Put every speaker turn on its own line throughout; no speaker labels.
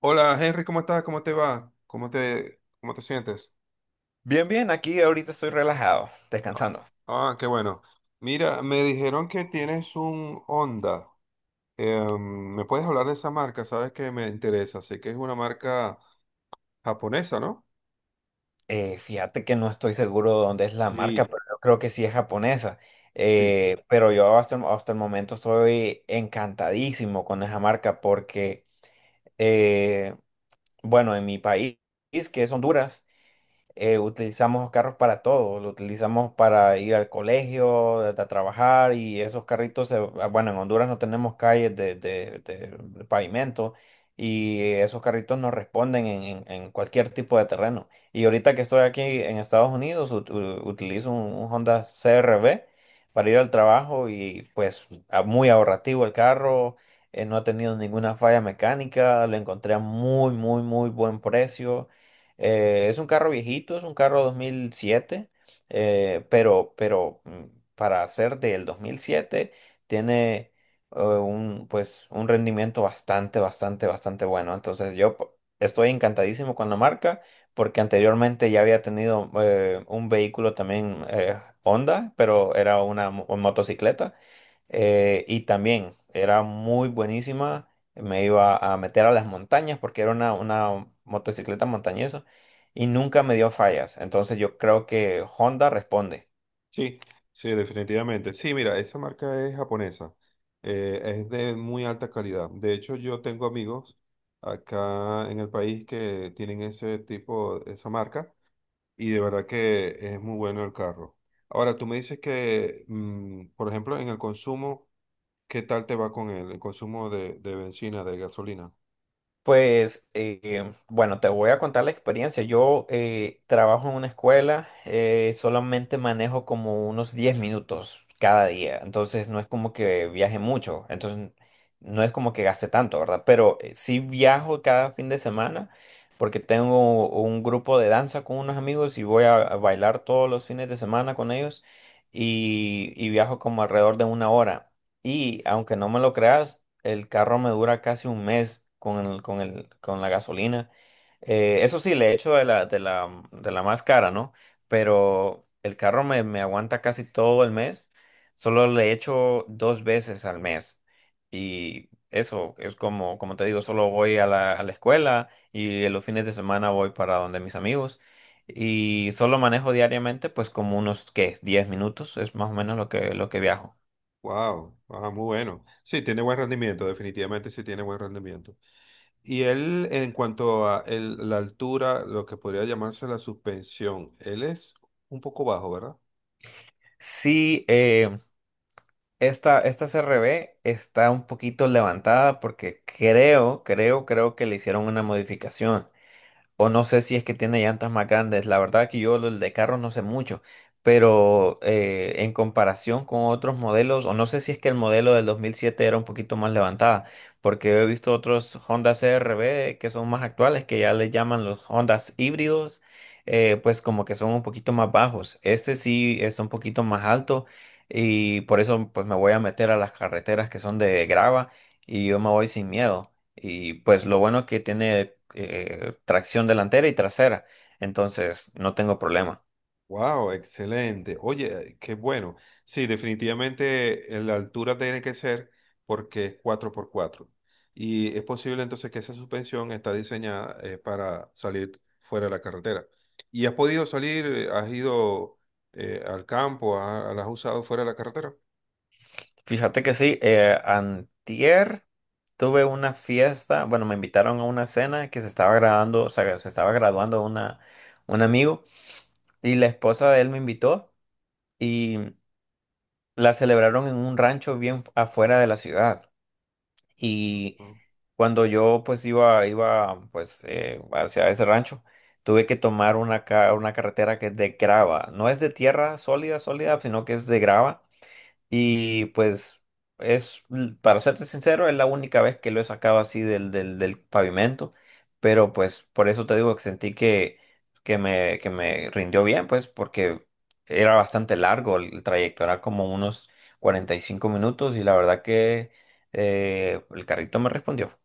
Hola Henry, ¿cómo estás? ¿Cómo te va? Cómo te sientes?
Bien, bien, aquí ahorita estoy relajado,
Ah,
descansando.
qué bueno. Mira, me dijeron que tienes un Honda. ¿Me puedes hablar de esa marca? Sabes que me interesa. Sé que es una marca japonesa, ¿no?
Fíjate que no estoy seguro de dónde es la marca,
Sí,
pero yo creo que sí es japonesa.
sí.
Pero yo hasta el momento estoy encantadísimo con esa marca, porque eh, bueno, en mi país, que es Honduras, utilizamos los carros para todo. Lo utilizamos para ir al colegio, a trabajar, y esos carritos, bueno, en Honduras no tenemos calles de, de pavimento, y esos carritos nos responden en, en cualquier tipo de terreno. Y ahorita que estoy aquí en Estados Unidos, utilizo un Honda CRV para ir al trabajo, y pues muy ahorrativo el carro. No ha tenido ninguna falla mecánica. Lo encontré a muy, muy, muy buen precio. Es un carro viejito, es un carro 2007, pero para ser del 2007 tiene un rendimiento bastante, bastante, bastante bueno. Entonces yo estoy encantadísimo con la marca, porque anteriormente ya había tenido un vehículo también, Honda, pero era una motocicleta. Y también era muy buenísima. Me iba a meter a las montañas porque era una motocicleta montañesa, y nunca me dio fallas. Entonces yo creo que Honda responde.
Sí, sí, definitivamente. Sí, mira, esa marca es japonesa. Es de muy alta calidad. De hecho, yo tengo amigos acá en el país que tienen ese tipo, esa marca. Y de verdad que es muy bueno el carro. Ahora, tú me dices que, por ejemplo, en el consumo, ¿qué tal te va con el consumo de benzina, de gasolina?
Pues bueno, te voy a contar la experiencia. Yo trabajo en una escuela. Solamente manejo como unos 10 minutos cada día, entonces no es como que viaje mucho, entonces no es como que gaste tanto, ¿verdad? Pero sí viajo cada fin de semana, porque tengo un grupo de danza con unos amigos y voy a bailar todos los fines de semana con ellos, y viajo como alrededor de 1 hora. Y aunque no me lo creas, el carro me dura casi un mes con la gasolina. Eso sí, le echo de la más cara, ¿no? Pero el carro me aguanta casi todo el mes. Solo le echo 2 veces al mes. Y eso es como te digo, solo voy a la escuela, y en los fines de semana voy para donde mis amigos. Y solo manejo diariamente, pues como unos, ¿qué? 10 minutos es más o menos lo que viajo.
Wow, muy bueno. Sí, tiene buen rendimiento, definitivamente sí tiene buen rendimiento. Y él, en cuanto a la altura, lo que podría llamarse la suspensión, él es un poco bajo, ¿verdad?
Sí. Esta CRB está un poquito levantada, porque creo que le hicieron una modificación. O no sé si es que tiene llantas más grandes. La verdad que yo lo de carros no sé mucho. Pero en comparación con otros modelos, o no sé si es que el modelo del 2007 era un poquito más levantada, porque he visto otros Honda CRV que son más actuales, que ya les llaman los Hondas híbridos, pues como que son un poquito más bajos. Este sí es un poquito más alto, y por eso pues me voy a meter a las carreteras que son de grava, y yo me voy sin miedo. Y pues lo bueno que tiene tracción delantera y trasera. Entonces no tengo problema.
Wow, excelente. Oye, qué bueno. Sí, definitivamente la altura tiene que ser porque es cuatro por cuatro. Y es posible entonces que esa suspensión está diseñada para salir fuera de la carretera. ¿Y has podido salir? ¿Has ido al campo? ¿La has usado fuera de la carretera?
Fíjate que sí. Antier tuve una fiesta. Bueno, me invitaron a una cena que se estaba graduando, o sea, se estaba graduando un amigo. Y la esposa de él me invitó, y la celebraron en un rancho bien afuera de la ciudad. Y
No.
cuando yo pues iba pues hacia ese rancho, tuve que tomar una carretera que es de grava. No es de tierra sólida, sólida, sino que es de grava. Y pues para serte sincero, es la única vez que lo he sacado así del, del pavimento. Pero pues por eso te digo que sentí que, que me rindió bien, pues porque era bastante largo el trayecto. Era como unos 45 minutos, y la verdad que el carrito me respondió.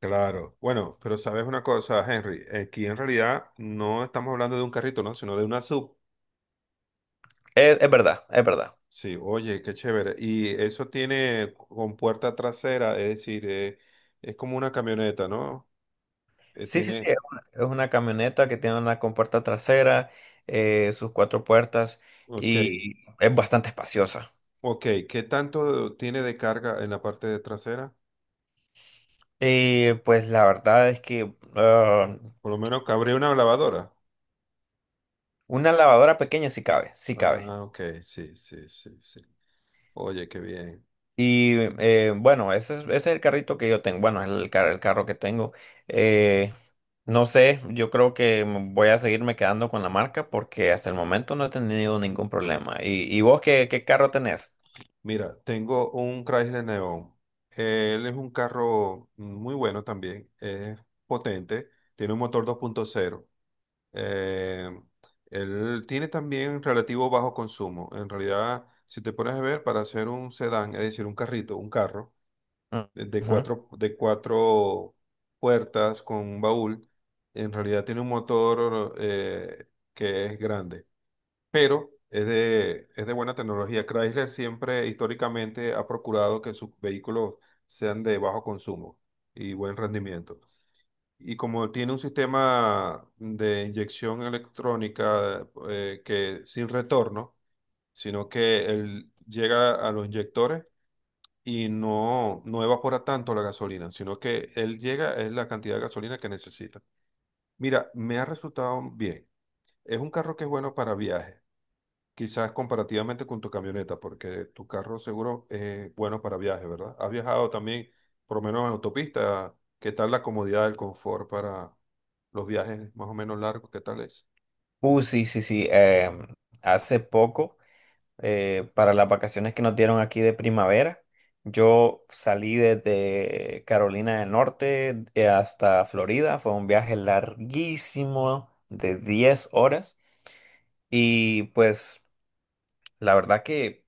Claro. Bueno, pero sabes una cosa, Henry, aquí en realidad no estamos hablando de un carrito, ¿no? Sino de una sub.
Es verdad, es verdad.
Sí, oye, qué chévere. Y eso tiene con puerta trasera, es decir, es como una camioneta, ¿no? Eh,
Sí, sí, sí,
tiene,
es una camioneta que tiene una compuerta trasera, sus 4 puertas,
ok,
y es bastante espaciosa.
ok. ¿Qué tanto tiene de carga en la parte de trasera?
Pues la verdad es que
Por lo menos cabría una lavadora.
una lavadora pequeña sí cabe, sí cabe.
Ah, ok, sí, sí, sí, sí. Oye, qué bien.
Y bueno, ese es el carrito que yo tengo. Bueno, es el carro que tengo. Eh, no sé, yo creo que voy a seguirme quedando con la marca, porque hasta el momento no he tenido ningún problema. ¿Y vos qué, qué carro tenés?
Mira, tengo un Chrysler Neon. Él es un carro muy bueno también, es potente, tiene un motor 2.0. Eh, Él tiene también relativo bajo consumo. En realidad, si te pones a ver, para hacer un sedán, es decir, un carrito, un carro
Mm. Ujú.
de cuatro puertas con un baúl, en realidad tiene un motor que es grande pero es de buena tecnología. Chrysler siempre históricamente ha procurado que sus vehículos sean de bajo consumo y buen rendimiento. Y como tiene un sistema de inyección electrónica que sin retorno, sino que él llega a los inyectores y no evapora tanto la gasolina, sino que él llega es la cantidad de gasolina que necesita. Mira, me ha resultado bien. Es un carro que es bueno para viajes. Quizás comparativamente con tu camioneta, porque tu carro seguro es bueno para viajes, ¿verdad? Has viajado también, por lo menos en autopista. ¿Qué tal la comodidad, el confort para los viajes más o menos largos? ¿Qué tal es?
Sí, sí, sí. Hace poco. Para las vacaciones que nos dieron aquí de primavera, yo salí desde Carolina del Norte hasta Florida. Fue un viaje larguísimo de 10 horas. Y pues la verdad que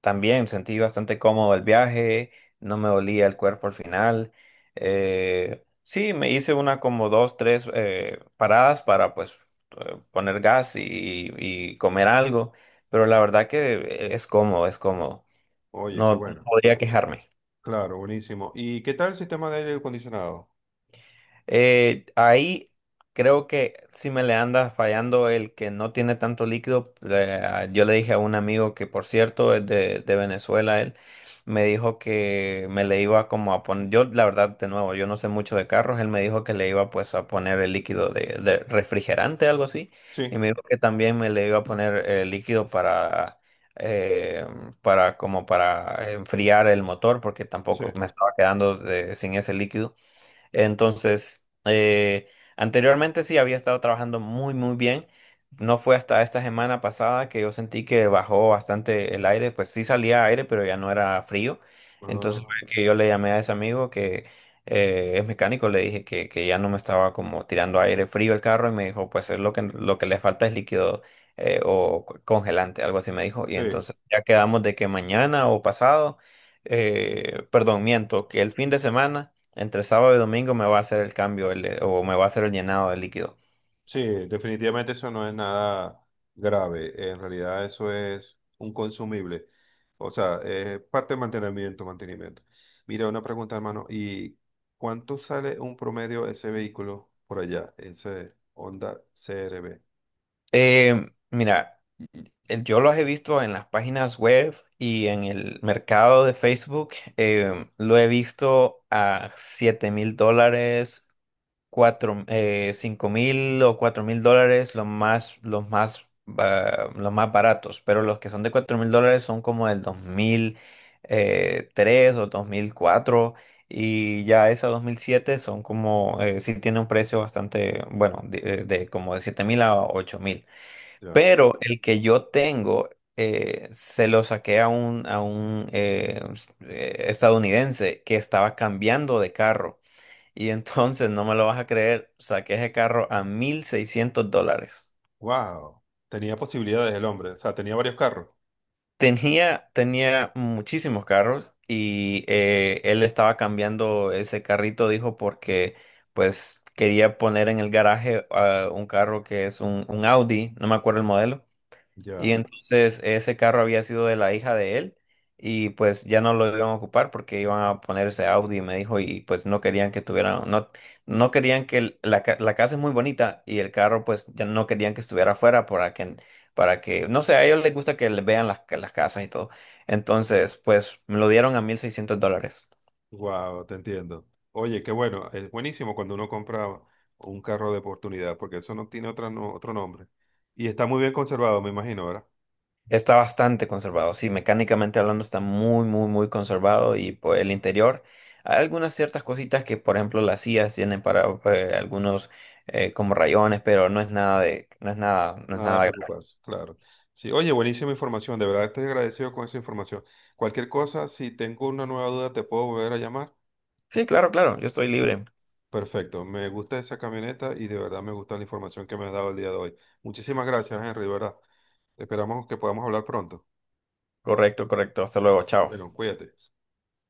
también sentí bastante cómodo el viaje. No me dolía el cuerpo al final. Sí, me hice una como dos, tres paradas para pues poner gas y comer algo. Pero la verdad que es cómodo, es cómodo.
Oye, qué
No
bueno.
podría quejarme.
Claro, buenísimo. ¿Y qué tal el sistema de aire acondicionado?
Ahí creo que si me le anda fallando, el que no tiene tanto líquido. Yo le dije a un amigo que, por cierto, es de Venezuela. Él me dijo que me le iba como a poner, yo la verdad, de nuevo, yo no sé mucho de carros. Él me dijo que le iba pues a poner el líquido de refrigerante, algo así.
Sí,
Y me dijo que también me le iba a poner líquido eh, para enfriar el motor, porque
sí.
tampoco me estaba quedando sin ese líquido. Entonces, anteriormente sí había estado trabajando muy, muy bien. No fue hasta esta semana pasada que yo sentí que bajó bastante el aire. Pues sí salía aire, pero ya no era frío. Entonces
Ah,
fue que yo le llamé a ese amigo que es mecánico. Le dije que ya no me estaba como tirando aire frío el carro, y me dijo, pues es lo que le falta es líquido o congelante, algo así me dijo. Y
sí.
entonces ya quedamos de que mañana o pasado, perdón, miento, que el fin de semana. Entre sábado y domingo me va a hacer el cambio, o me va a hacer el llenado de líquido.
Sí, definitivamente eso no es nada grave. En realidad eso es un consumible. O sea, es parte de mantenimiento, mantenimiento. Mira, una pregunta, hermano. ¿Y cuánto sale un promedio ese vehículo por allá? Ese Honda CRB.
Mira, yo los he visto en las páginas web y en el mercado de Facebook. Lo he visto a $7,000, 5,000 o $4,000, los más baratos. Pero los que son de $4,000 son como del 2000 tres, o 2004. Y ya esos 2007 son como, sí tiene un precio bastante, bueno, de como de 7,000 a 8,000.
Ya.
Pero el que yo tengo, se lo saqué a un estadounidense que estaba cambiando de carro. Y entonces, no me lo vas a creer, saqué ese carro a $1,600.
Wow. Tenía posibilidades el hombre. O sea, tenía varios carros.
Tenía muchísimos carros, y él estaba cambiando ese carrito, dijo, porque pues quería poner en el garaje un carro que es un Audi, no me acuerdo el modelo. Y
Ya.
entonces ese carro había sido de la hija de él, y pues ya no lo iban a ocupar, porque iban a poner ese Audi, me dijo. Y pues no querían que tuvieran, no, no querían que la casa es muy bonita, y el carro pues ya no querían que estuviera afuera, para que, no sé, a ellos les gusta que les vean las casas y todo. Entonces pues me lo dieron a $1,600.
Wow, te entiendo. Oye, qué bueno, es buenísimo cuando uno compra un carro de oportunidad, porque eso no tiene otra no- otro nombre. Y está muy bien conservado, me imagino, ¿verdad?
Está bastante conservado, sí. Mecánicamente hablando, está muy, muy, muy conservado. Y pues el interior, hay algunas ciertas cositas que, por ejemplo, las sillas tienen, para algunos como rayones, pero no es nada de, no es nada, no es
Nada de
nada grave.
preocuparse, claro. Sí, oye, buenísima información, de verdad estoy agradecido con esa información. Cualquier cosa, si tengo una nueva duda, te puedo volver a llamar.
Sí, claro, claro, yo estoy libre.
Perfecto, me gusta esa camioneta y de verdad me gusta la información que me has dado el día de hoy. Muchísimas gracias, Henry, de verdad. Esperamos que podamos hablar pronto.
Correcto, correcto. Hasta luego, chao.
Bueno, cuídate.